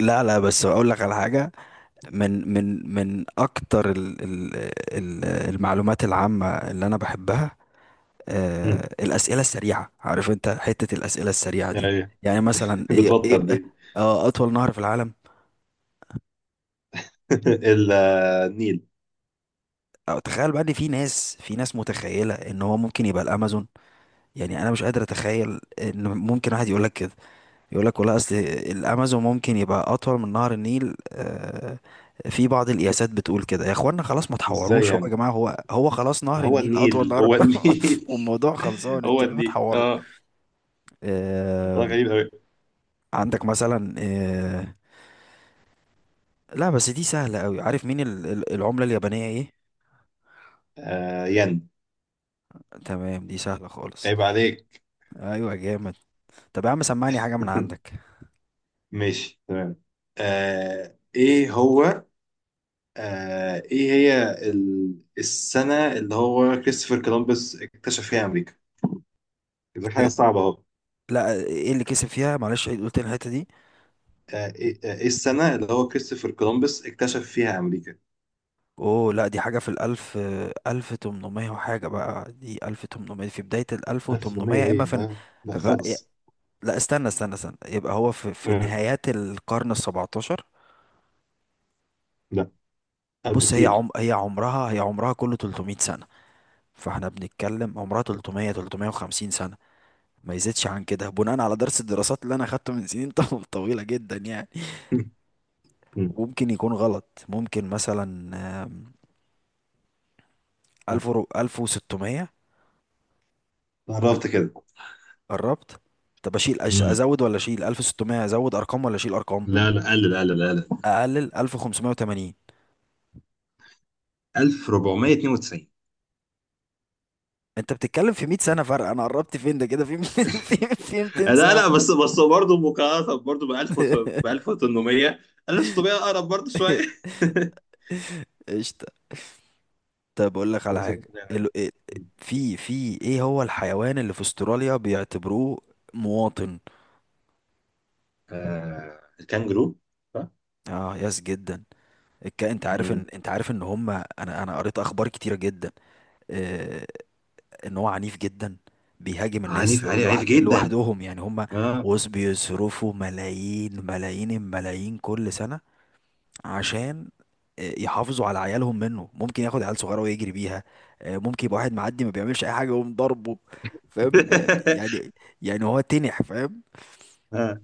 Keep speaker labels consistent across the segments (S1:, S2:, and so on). S1: لا، بس اقول لك على حاجه، من اكتر ال المعلومات العامه اللي انا بحبها.
S2: مم.
S1: الاسئله السريعه، عارف انت حته الاسئله السريعه دي؟
S2: ايوه.
S1: يعني مثلا ايه ايه
S2: بتوتر
S1: إيه؟
S2: دي.
S1: اطول نهر في العالم؟
S2: النيل.
S1: أو تخيل بقى ان في ناس، متخيله ان هو ممكن يبقى الامازون. يعني انا مش قادر اتخيل ان ممكن واحد يقول لك كده، يقول لك والله اصل الامازون ممكن يبقى اطول من نهر النيل. في بعض القياسات بتقول كده. يا اخوانا خلاص ما
S2: ازاي
S1: تحوروش، هو يا
S2: يعني؟
S1: جماعه هو هو خلاص نهر
S2: هو
S1: النيل اطول
S2: النيل،
S1: نهر.
S2: هو النيل.
S1: والموضوع خلصان،
S2: هو
S1: انتوا ليه
S2: النيل،
S1: بتحوروا؟
S2: اه.
S1: آه،
S2: والله غريب قوي.
S1: عندك مثلا، لا بس دي سهله قوي. عارف مين العمله اليابانيه ايه؟
S2: آه، ين.
S1: تمام دي سهله خالص.
S2: عيب عليك.
S1: ايوه جامد. طب يا عم سمعني حاجه من عندك.
S2: ماشي تمام. آه، ايه هو؟ آه، السنة اللي هو كريستوفر كولومبس اكتشف فيها امريكا؟ دي حاجة
S1: إيه-
S2: صعبة اهو.
S1: لا ايه اللي كسب فيها، معلش قلت لي الحته دي.
S2: آه ايه آه، إيه السنة اللي هو كريستوفر كولومبس اكتشف فيها امريكا؟
S1: اوه لا دي حاجة في الألف. ألف تمنمية وحاجة بقى، دي ألف تمنمية في بداية الألف،
S2: 1800؟
S1: وتمنمية إما
S2: ايه،
S1: في.
S2: لا لا
S1: ف-
S2: خالص.
S1: لا، استنى استنى استنى، يبقى هو في
S2: آه.
S1: نهايات القرن السبعتاشر.
S2: لا، أقل
S1: بص هي
S2: بكتير.
S1: عم هي عمرها هي عمرها كله 300 سنة. فاحنا بنتكلم عمرها 300، 350 سنة، ما يزيدش عن كده بناء على درس الدراسات اللي انا اخدته من سنين، طويلة جدا يعني.
S2: مم.
S1: وممكن يكون غلط، ممكن مثلا، آم،
S2: آه،
S1: 1000 1600.
S2: قربت كده.
S1: قربت. طب اشيل،
S2: امم
S1: ازود ولا اشيل 1600، ازود ارقام ولا اشيل ارقام؟
S2: لا لا، قلل قلل قلل.
S1: اقلل، 1580.
S2: 1492.
S1: انت بتتكلم في 100 سنه فرق، انا قربت فين ده كده؟ في 200، في 200
S2: آه، لا
S1: سنه
S2: لا،
S1: فرق.
S2: بس برضه، مقارنة برضه ب 1000، ب 1800. 1600 أقرب برضه شوية.
S1: قشطه. طب اقول لك على
S2: وده سبب
S1: حاجه،
S2: كده يعني. مم.
S1: في ايه هو الحيوان اللي في استراليا بيعتبروه مواطن؟
S2: آه، الكانجرو، صح؟
S1: اه، ياس جدا. انت عارف
S2: مم.
S1: ان، هم، انا قريت اخبار كتيره جدا، آه، ان هو عنيف جدا، بيهاجم الناس
S2: عنيف عنيف عنيف
S1: لوحد
S2: جدا،
S1: لوحدهم يعني. هم،
S2: اه.
S1: وز بيصرفوا ملايين ملايين الملايين كل سنة عشان يحافظوا على عيالهم منه. ممكن ياخد عيال صغيرة ويجري بيها، ممكن يبقى واحد معدي ما بيعملش اي حاجة ويقوم ضربه. فاهم يعني، يعني هو تنح، فاهم؟
S2: آه.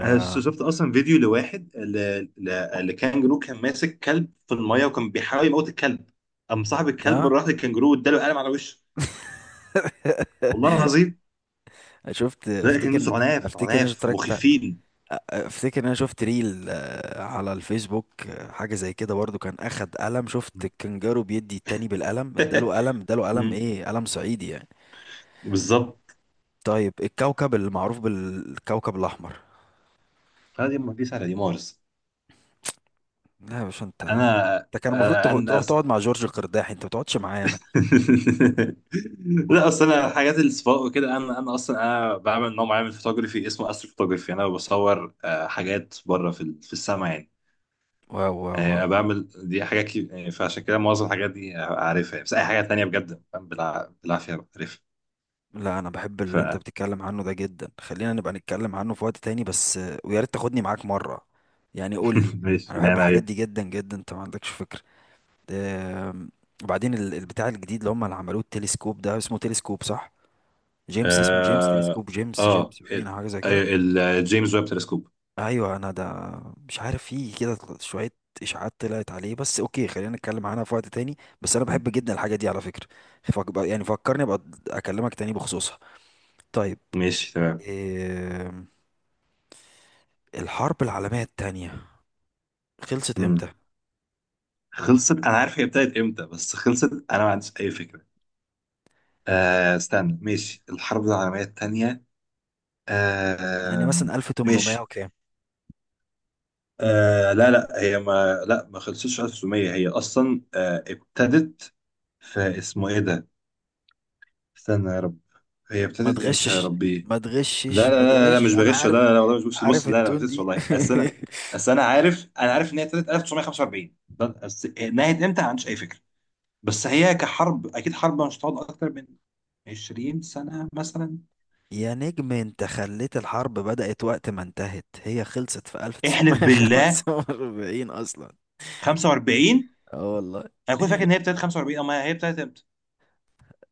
S2: انا شفت اصلا فيديو لواحد، لكانجرو كان ماسك كلب في الميه وكان بيحاول يموت الكلب، قام صاحب الكلب
S1: آه.
S2: راح للكانجرو واداله قلم على وشه، والله العظيم.
S1: شفت،
S2: لا، الكانجروس
S1: افتكر.
S2: عناف
S1: إن انا
S2: عناف
S1: اشتركت،
S2: مخيفين.
S1: افتكر ان انا شفت ريل، على الفيسبوك، حاجه زي كده برضو. كان اخد قلم، شفت الكنجارو بيدي التاني بالقلم، اداله قلم، اداله قلم،
S2: مم.
S1: ايه قلم صعيدي يعني.
S2: بالظبط.
S1: طيب، الكوكب المعروف بالكوكب الاحمر؟
S2: انا دي ما على دي مارس.
S1: لا يا باشا انت،
S2: انا
S1: انت كان المفروض
S2: انا
S1: تروح
S2: أص...
S1: تقعد مع جورج القرداحي، انت ما بتقعدش معايا انا.
S2: لا، اصل انا حاجات السباق وكده، انا انا اصلا بعمل نوع معين من الفوتوغرافي اسمه استرو فوتوغرافي. انا بصور، آه، حاجات بره في السماء يعني.
S1: واو واو واو
S2: آه،
S1: واو.
S2: بعمل دي حاجات يعني، فعشان كده معظم الحاجات دي عارفها يعني. بس اي حاجه تانية بجد فاهم، بالعافيه بعرفها.
S1: لا، انا بحب
S2: ف
S1: اللي انت بتتكلم عنه ده جدا، خلينا نبقى نتكلم عنه في وقت تاني، بس ويا ريت تاخدني معاك مره، يعني قول لي.
S2: ماشي،
S1: انا
S2: بناء
S1: بحب
S2: على
S1: الحاجات دي
S2: ايه؟
S1: جدا جدا، انت ما عندكش فكره. آم، وبعدين البتاع الجديد اللي هم اللي عملوه، التلسكوب ده اسمه تلسكوب، صح؟ جيمس، اسمه جيمس،
S2: اه
S1: تلسكوب جيمس،
S2: اه
S1: جيمس باين
S2: ال-
S1: أو حاجه زي
S2: أيوة،
S1: كده.
S2: الجيمس ويب تلسكوب.
S1: ايوه انا ده. مش عارف، فيه كده شويه اشاعات طلعت عليه، بس اوكي خلينا نتكلم عنها في وقت تاني. بس انا
S2: مم.
S1: بحب جدا الحاجه دي على فكره. يعني فكرني ابقى اكلمك تاني بخصوصها. طيب.
S2: ماشي تمام.
S1: آم، الحرب العالميه التانية خلصت امتى؟
S2: مم. خلصت، انا عارف هي ابتدت امتى بس خلصت انا ما عنديش اي فكره. آه، استنى. ماشي، الحرب العالميه الثانيه.
S1: يعني
S2: آه.
S1: مثلا 1800
S2: ماشي.
S1: وكام؟
S2: آه، لا لا، هي ما خلصتش. 1900 هي اصلا آه ابتدت. في اسمه ايه ده، استنى يا رب. هي
S1: ما
S2: ابتدت امتى يا
S1: تغشش،
S2: ربي؟
S1: ما
S2: لا لا
S1: تغشش، ما
S2: لا لا،
S1: تغش،
S2: مش
S1: انا
S2: بغش. لا
S1: عارف.
S2: لا لا، والله مش بغش. بص،
S1: عارف
S2: لا لا، ما
S1: التون
S2: بغش
S1: دي.
S2: والله. اصل انا، عارف ان هي ابتدت 1945. بس نهت امتى ما عنديش اي فكره. بس هي كحرب اكيد، حرب مش هتقعد اكتر من 20 سنه مثلا.
S1: يا نجم انت خليت الحرب بدأت وقت ما انتهت، هي خلصت في
S2: احلف بالله.
S1: 1945 اصلا.
S2: 45؟
S1: اه والله.
S2: انا كنت فاكر ان هي ابتدت 45، اما هي ابتدت امتى.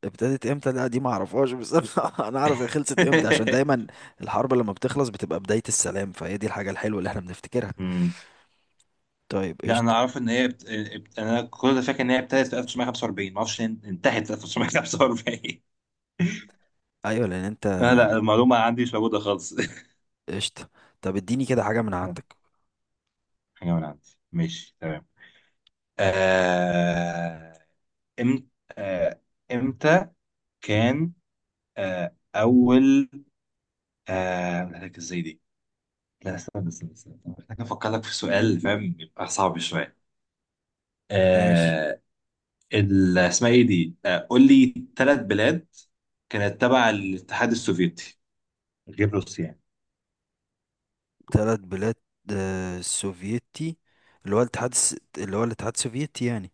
S1: ابتدت امتى لا دي ما اعرفهاش، بس انا، اعرف هي خلصت امتى، عشان دايما الحرب لما بتخلص بتبقى بداية السلام، فهي دي الحاجة الحلوة اللي احنا بنفتكرها.
S2: امم.
S1: طيب
S2: لا، انا
S1: قشطة.
S2: اعرف ان هي، انا كنت فاكر ان هي ابتدت في 1945، ما اعرفش إن هي انتهت في 1945.
S1: ايوه لان انت.
S2: لا لا، المعلومة عندي مش موجودة خالص.
S1: قشطة. طب اديني كده حاجة من عندك.
S2: حاجة من عندي، ماشي تمام. آه... إم... آه... امتى كان اول، أقول لك ازاي دي. لا، استنى استنى استنى. محتاج افكر لك في سؤال، فاهم، يبقى صعب شوية.
S1: ماشي.
S2: آه... اسمها ايه دي؟ قول لي ثلاث بلاد كانت تبع الاتحاد السوفيتي غير روسيا يعني.
S1: ثلاث بلاد، سوفيتي، اللي هو اللي هو الاتحاد السوفيتي يعني.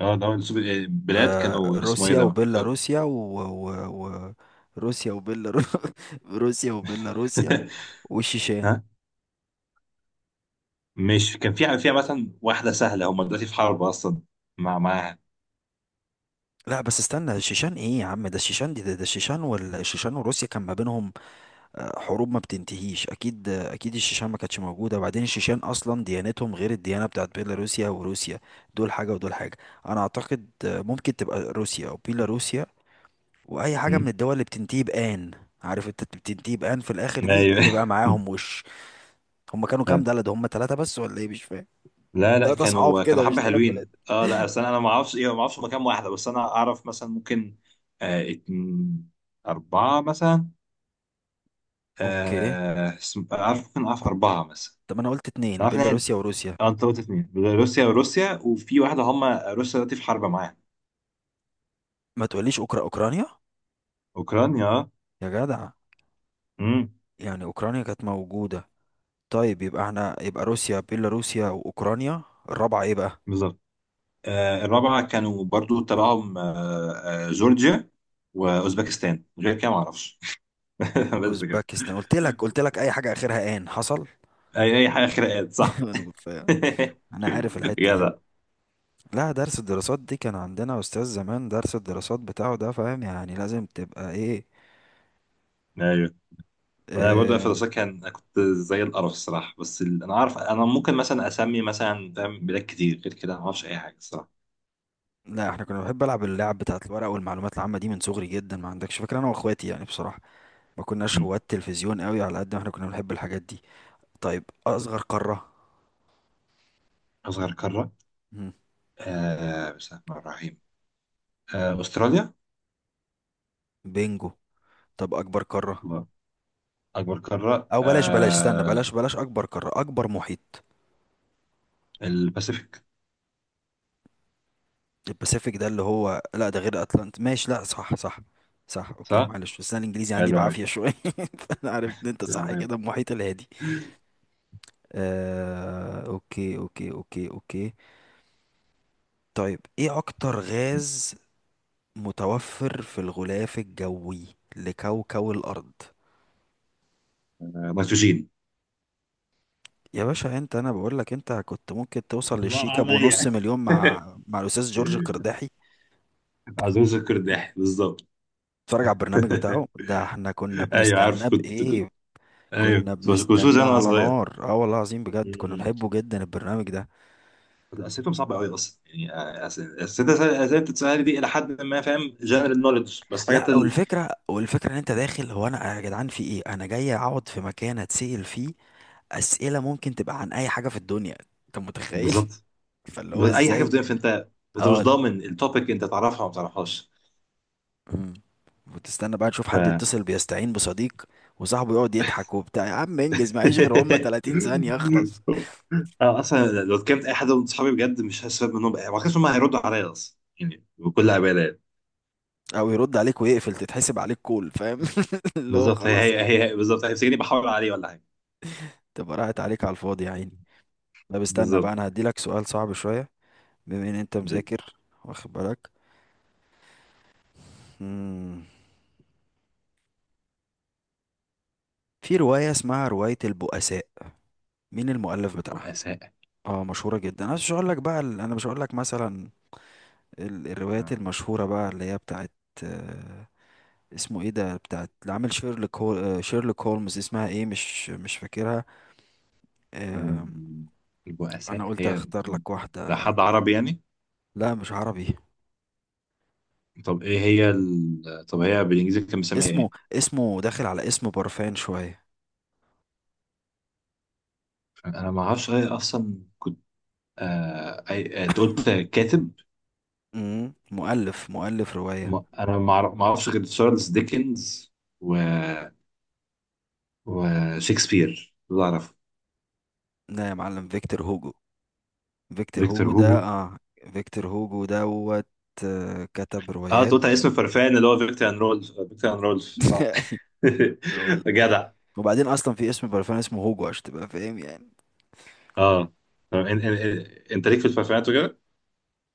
S2: اه، ده هو بلاد كانوا اسمه ايه
S1: روسيا
S2: ده.
S1: وبيلاروسيا، و... و... روسيا وبيلاروسيا، روسيا وبيلاروسيا والشيشان.
S2: ها. مش كان فيها، مثلا واحدة سهلة، هم دلوقتي في حرب أصلا معاها.
S1: لا بس استنى، الشيشان ايه يا عم؟ ده الشيشان دي، ده الشيشان. والشيشان وروسيا كان ما بينهم حروب ما بتنتهيش اكيد. اكيد الشيشان ما كانتش موجوده، وبعدين الشيشان اصلا ديانتهم غير الديانه بتاعت بيلاروسيا وروسيا، دول حاجه ودول حاجه. انا اعتقد ممكن تبقى روسيا او بيلاروسيا، واي حاجه من
S2: أمم.
S1: الدول اللي بتنتهي بان. عارف، انت بتنتهي بان في الاخر دي
S2: أيوه.
S1: يبقى معاهم وش. هم كانوا كام بلد؟ هم ثلاثه بس ولا ايه، مش فاهم.
S2: لا لا،
S1: ثلاثه اصحاب
S2: كانوا
S1: كده مش
S2: حبة
S1: ثلاث بلاد.
S2: حلوين، اه. لا بس انا، ما اعرفش ايه، ما اعرفش مكان واحدة، بس انا اعرف مثلا ممكن. آه اتن... أربعة مثلا.
S1: اوكي.
S2: اعرف، ممكن اعرف أربعة مثلا.
S1: طب انا قلت اتنين،
S2: اعرف ان هي-
S1: بيلاروسيا وروسيا.
S2: اه، انت قلت اتنين، روسيا وروسيا وفي واحدة هم روسيا دلوقتي في حرب معاها.
S1: ما تقوليش، اوكرانيا،
S2: أوكرانيا، اه.
S1: يا جدع.
S2: أمم،
S1: يعني اوكرانيا كانت موجوده. طيب يبقى احنا، يبقى روسيا بيلاروسيا واوكرانيا، الرابعه ايه بقى؟
S2: بالظبط. آه، الرابعة كانوا برضو تبعهم، آه، آه، جورجيا وأوزبكستان. غير كده معرفش. بس كده.
S1: اوزبكستان. قلت لك، اي حاجه اخرها ان حصل.
S2: أي حاجة خناقات صح.
S1: انا مش فاهم. انا عارف الحته دي.
S2: جدع.
S1: لا درس الدراسات دي كان عندنا أستاذ زمان، درس الدراسات بتاعه ده، فاهم يعني لازم تبقى إيه.
S2: أيوه. أنا برضو في
S1: آه.
S2: الدراسات، كنت زي القرف الصراحة. بس أنا عارف أنا ممكن مثلا أسمي مثلا، فاهم، بلاد كتير غير كده، ما أعرفش أي حاجة الصراحة.
S1: لا احنا كنا بنحب ألعب اللعب بتاعت الورق والمعلومات العامة دي من صغري جدا، ما عندكش فكرة أنا وأخواتي يعني بصراحة. ما كناش
S2: مم.
S1: هواة تلفزيون قوي على قد ما احنا كنا بنحب الحاجات دي. طيب، أصغر قارة؟
S2: أصغر قارة.
S1: مم،
S2: آه، بسم الله الرحمن الرحيم، آه أستراليا.
S1: بينجو. طب أكبر قارة؟
S2: الله. أكبر قارة،
S1: أو بلاش بلاش، استنى،
S2: آه
S1: بلاش بلاش أكبر قارة، أكبر محيط.
S2: الباسيفيك،
S1: الباسيفيك. ده اللي هو، لا ده غير اتلانت، ماشي، لا صح، صح، صح، اوكي
S2: صح؟
S1: معلش، بس انا الانجليزي عندي
S2: حلو أوي.
S1: بعافيه شويه. فانا عرفت ان انت صح
S2: آه،
S1: كده، المحيط الهادي. آه، اوكي اوكي اوكي اوكي. طيب ايه اكتر غاز متوفر في الغلاف الجوي لكوكب الارض؟
S2: نيتروجين.
S1: يا باشا انت، انا بقول لك انت كنت ممكن توصل
S2: الله
S1: للشيكا بنص
S2: عليا.
S1: مليون مع الاستاذ جورج القرداحي.
S2: عزوز الكرداحي، بالظبط.
S1: اتفرج على البرنامج بتاعه ده، احنا كنا
S2: ايوه
S1: بنستناه
S2: عارف،
S1: بايه.
S2: ايوه
S1: كنا
S2: كنت بشوف
S1: بنستناه
S2: انا
S1: على
S2: صغير.
S1: نار، اه والله العظيم بجد كنا
S2: مم.
S1: بنحبه جدا البرنامج ده.
S2: اسئلتهم صعبه قوي اصلا يعني. اسئله اسئله بتتسال دي، الى حد ما، فاهم، جنرال نوليدج. بس حاجات
S1: لا والفكره، ان انت داخل، هو انا يا جدعان في ايه؟ انا جاي اقعد في مكان اتسال فيه اسئله ممكن تبقى عن اي حاجه في الدنيا، انت متخيل؟
S2: بالظبط.
S1: فاللي هو
S2: اي حاجه في
S1: ازاي.
S2: الدنيا، فانت، انت مش
S1: اه.
S2: ضامن التوبيك، انت تعرفها وما تعرفهاش.
S1: مم. وتستنى بقى تشوف
S2: ف
S1: حد يتصل بيستعين بصديق، وصاحبه يقعد يضحك وبتاع. يا عم انجز، معيش غير هم 30 ثانيه اخلص.
S2: اه، اصلا لو اتكلمت اي حد من اصحابي بجد، مش هستفاد منهم بقى. ما كانش هم هيردوا عليا اصلا يعني بكل امانه.
S1: او يرد عليك ويقفل، تتحسب عليك كول، فاهم؟ اللي هو
S2: بالظبط،
S1: خلاص،
S2: هي، بالظبط، هيمسكني بحاول عليه ولا حاجه.
S1: تبقى راحت عليك على الفاضي يا عيني. طب استنى بقى،
S2: بالظبط.
S1: انا هديلك سؤال صعب شوية بما ان انت
S2: دي
S1: مذاكر واخد بالك. مم. في رواية اسمها رواية البؤساء، مين المؤلف بتاعها؟
S2: البؤساء.
S1: اه مشهورة جدا. انا مش هقول لك بقى انا مش هقول لك مثلا الروايات
S2: آه،
S1: المشهورة بقى اللي هي بتاعت، آه، اسمه ايه ده، بتاعت اللي عامل شيرلوك هولمز. اسمها ايه؟ مش فاكرها.
S2: آه،
S1: آه،
S2: البؤساء
S1: انا قلت
S2: هي.
S1: اختار لك
S2: ده
S1: واحدة.
S2: حد عربي يعني؟
S1: لا مش عربي.
S2: طب ايه هي طب هي بالانجليزي كان بيسميها ايه؟
S1: اسمه داخل على اسم برفان شوية.
S2: انا ما اعرفش غير، اصلا كنت، آه... أي... آه، قلت كاتب.
S1: مم، مؤلف رواية.
S2: ما... انا ما أعرف- ما اعرفش غير تشارلز ديكنز، و... وشكسبير، دول اعرفه.
S1: لا يا معلم، فيكتور هوجو. فيكتور
S2: فيكتور
S1: هوجو ده،
S2: هوجو،
S1: اه. فيكتور هوجو دوت. كتب
S2: اه. أنت
S1: روايات.
S2: قلت على اسم الفرفان اللي هو فيكتور ان رولف، آه، فيكتور ان رولف صح.
S1: دول.
S2: جدع.
S1: وبعدين اصلا في اسم برفان اسمه هوجو عشان تبقى فاهم يعني.
S2: اه. طب انت ليك في البرفانات وكده.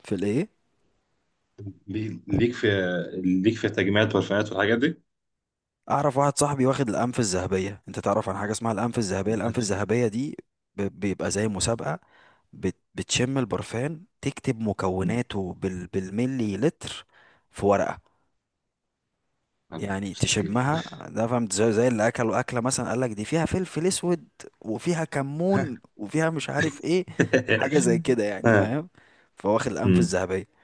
S1: في الايه؟
S2: لي- ليك في ليك في تجميع البرفانات والحاجات دي.
S1: اعرف واحد صاحبي واخد الانف الذهبيه. انت تعرف عن حاجه اسمها الانف الذهبيه؟ الانف
S2: أنت-
S1: الذهبيه دي بيبقى زي مسابقه. بتشم البرفان، تكتب
S2: مم.
S1: مكوناته بالملي لتر في ورقه.
S2: لا.
S1: يعني
S2: مستحيل.
S1: تشمها. ده فهمت، زي، اللي اكلوا اكله مثلا قال لك دي فيها فلفل اسود وفيها كمون وفيها مش عارف ايه. حاجه زي كده يعني
S2: آه.
S1: فاهم. فواخد الانف
S2: مم.
S1: الذهبيه.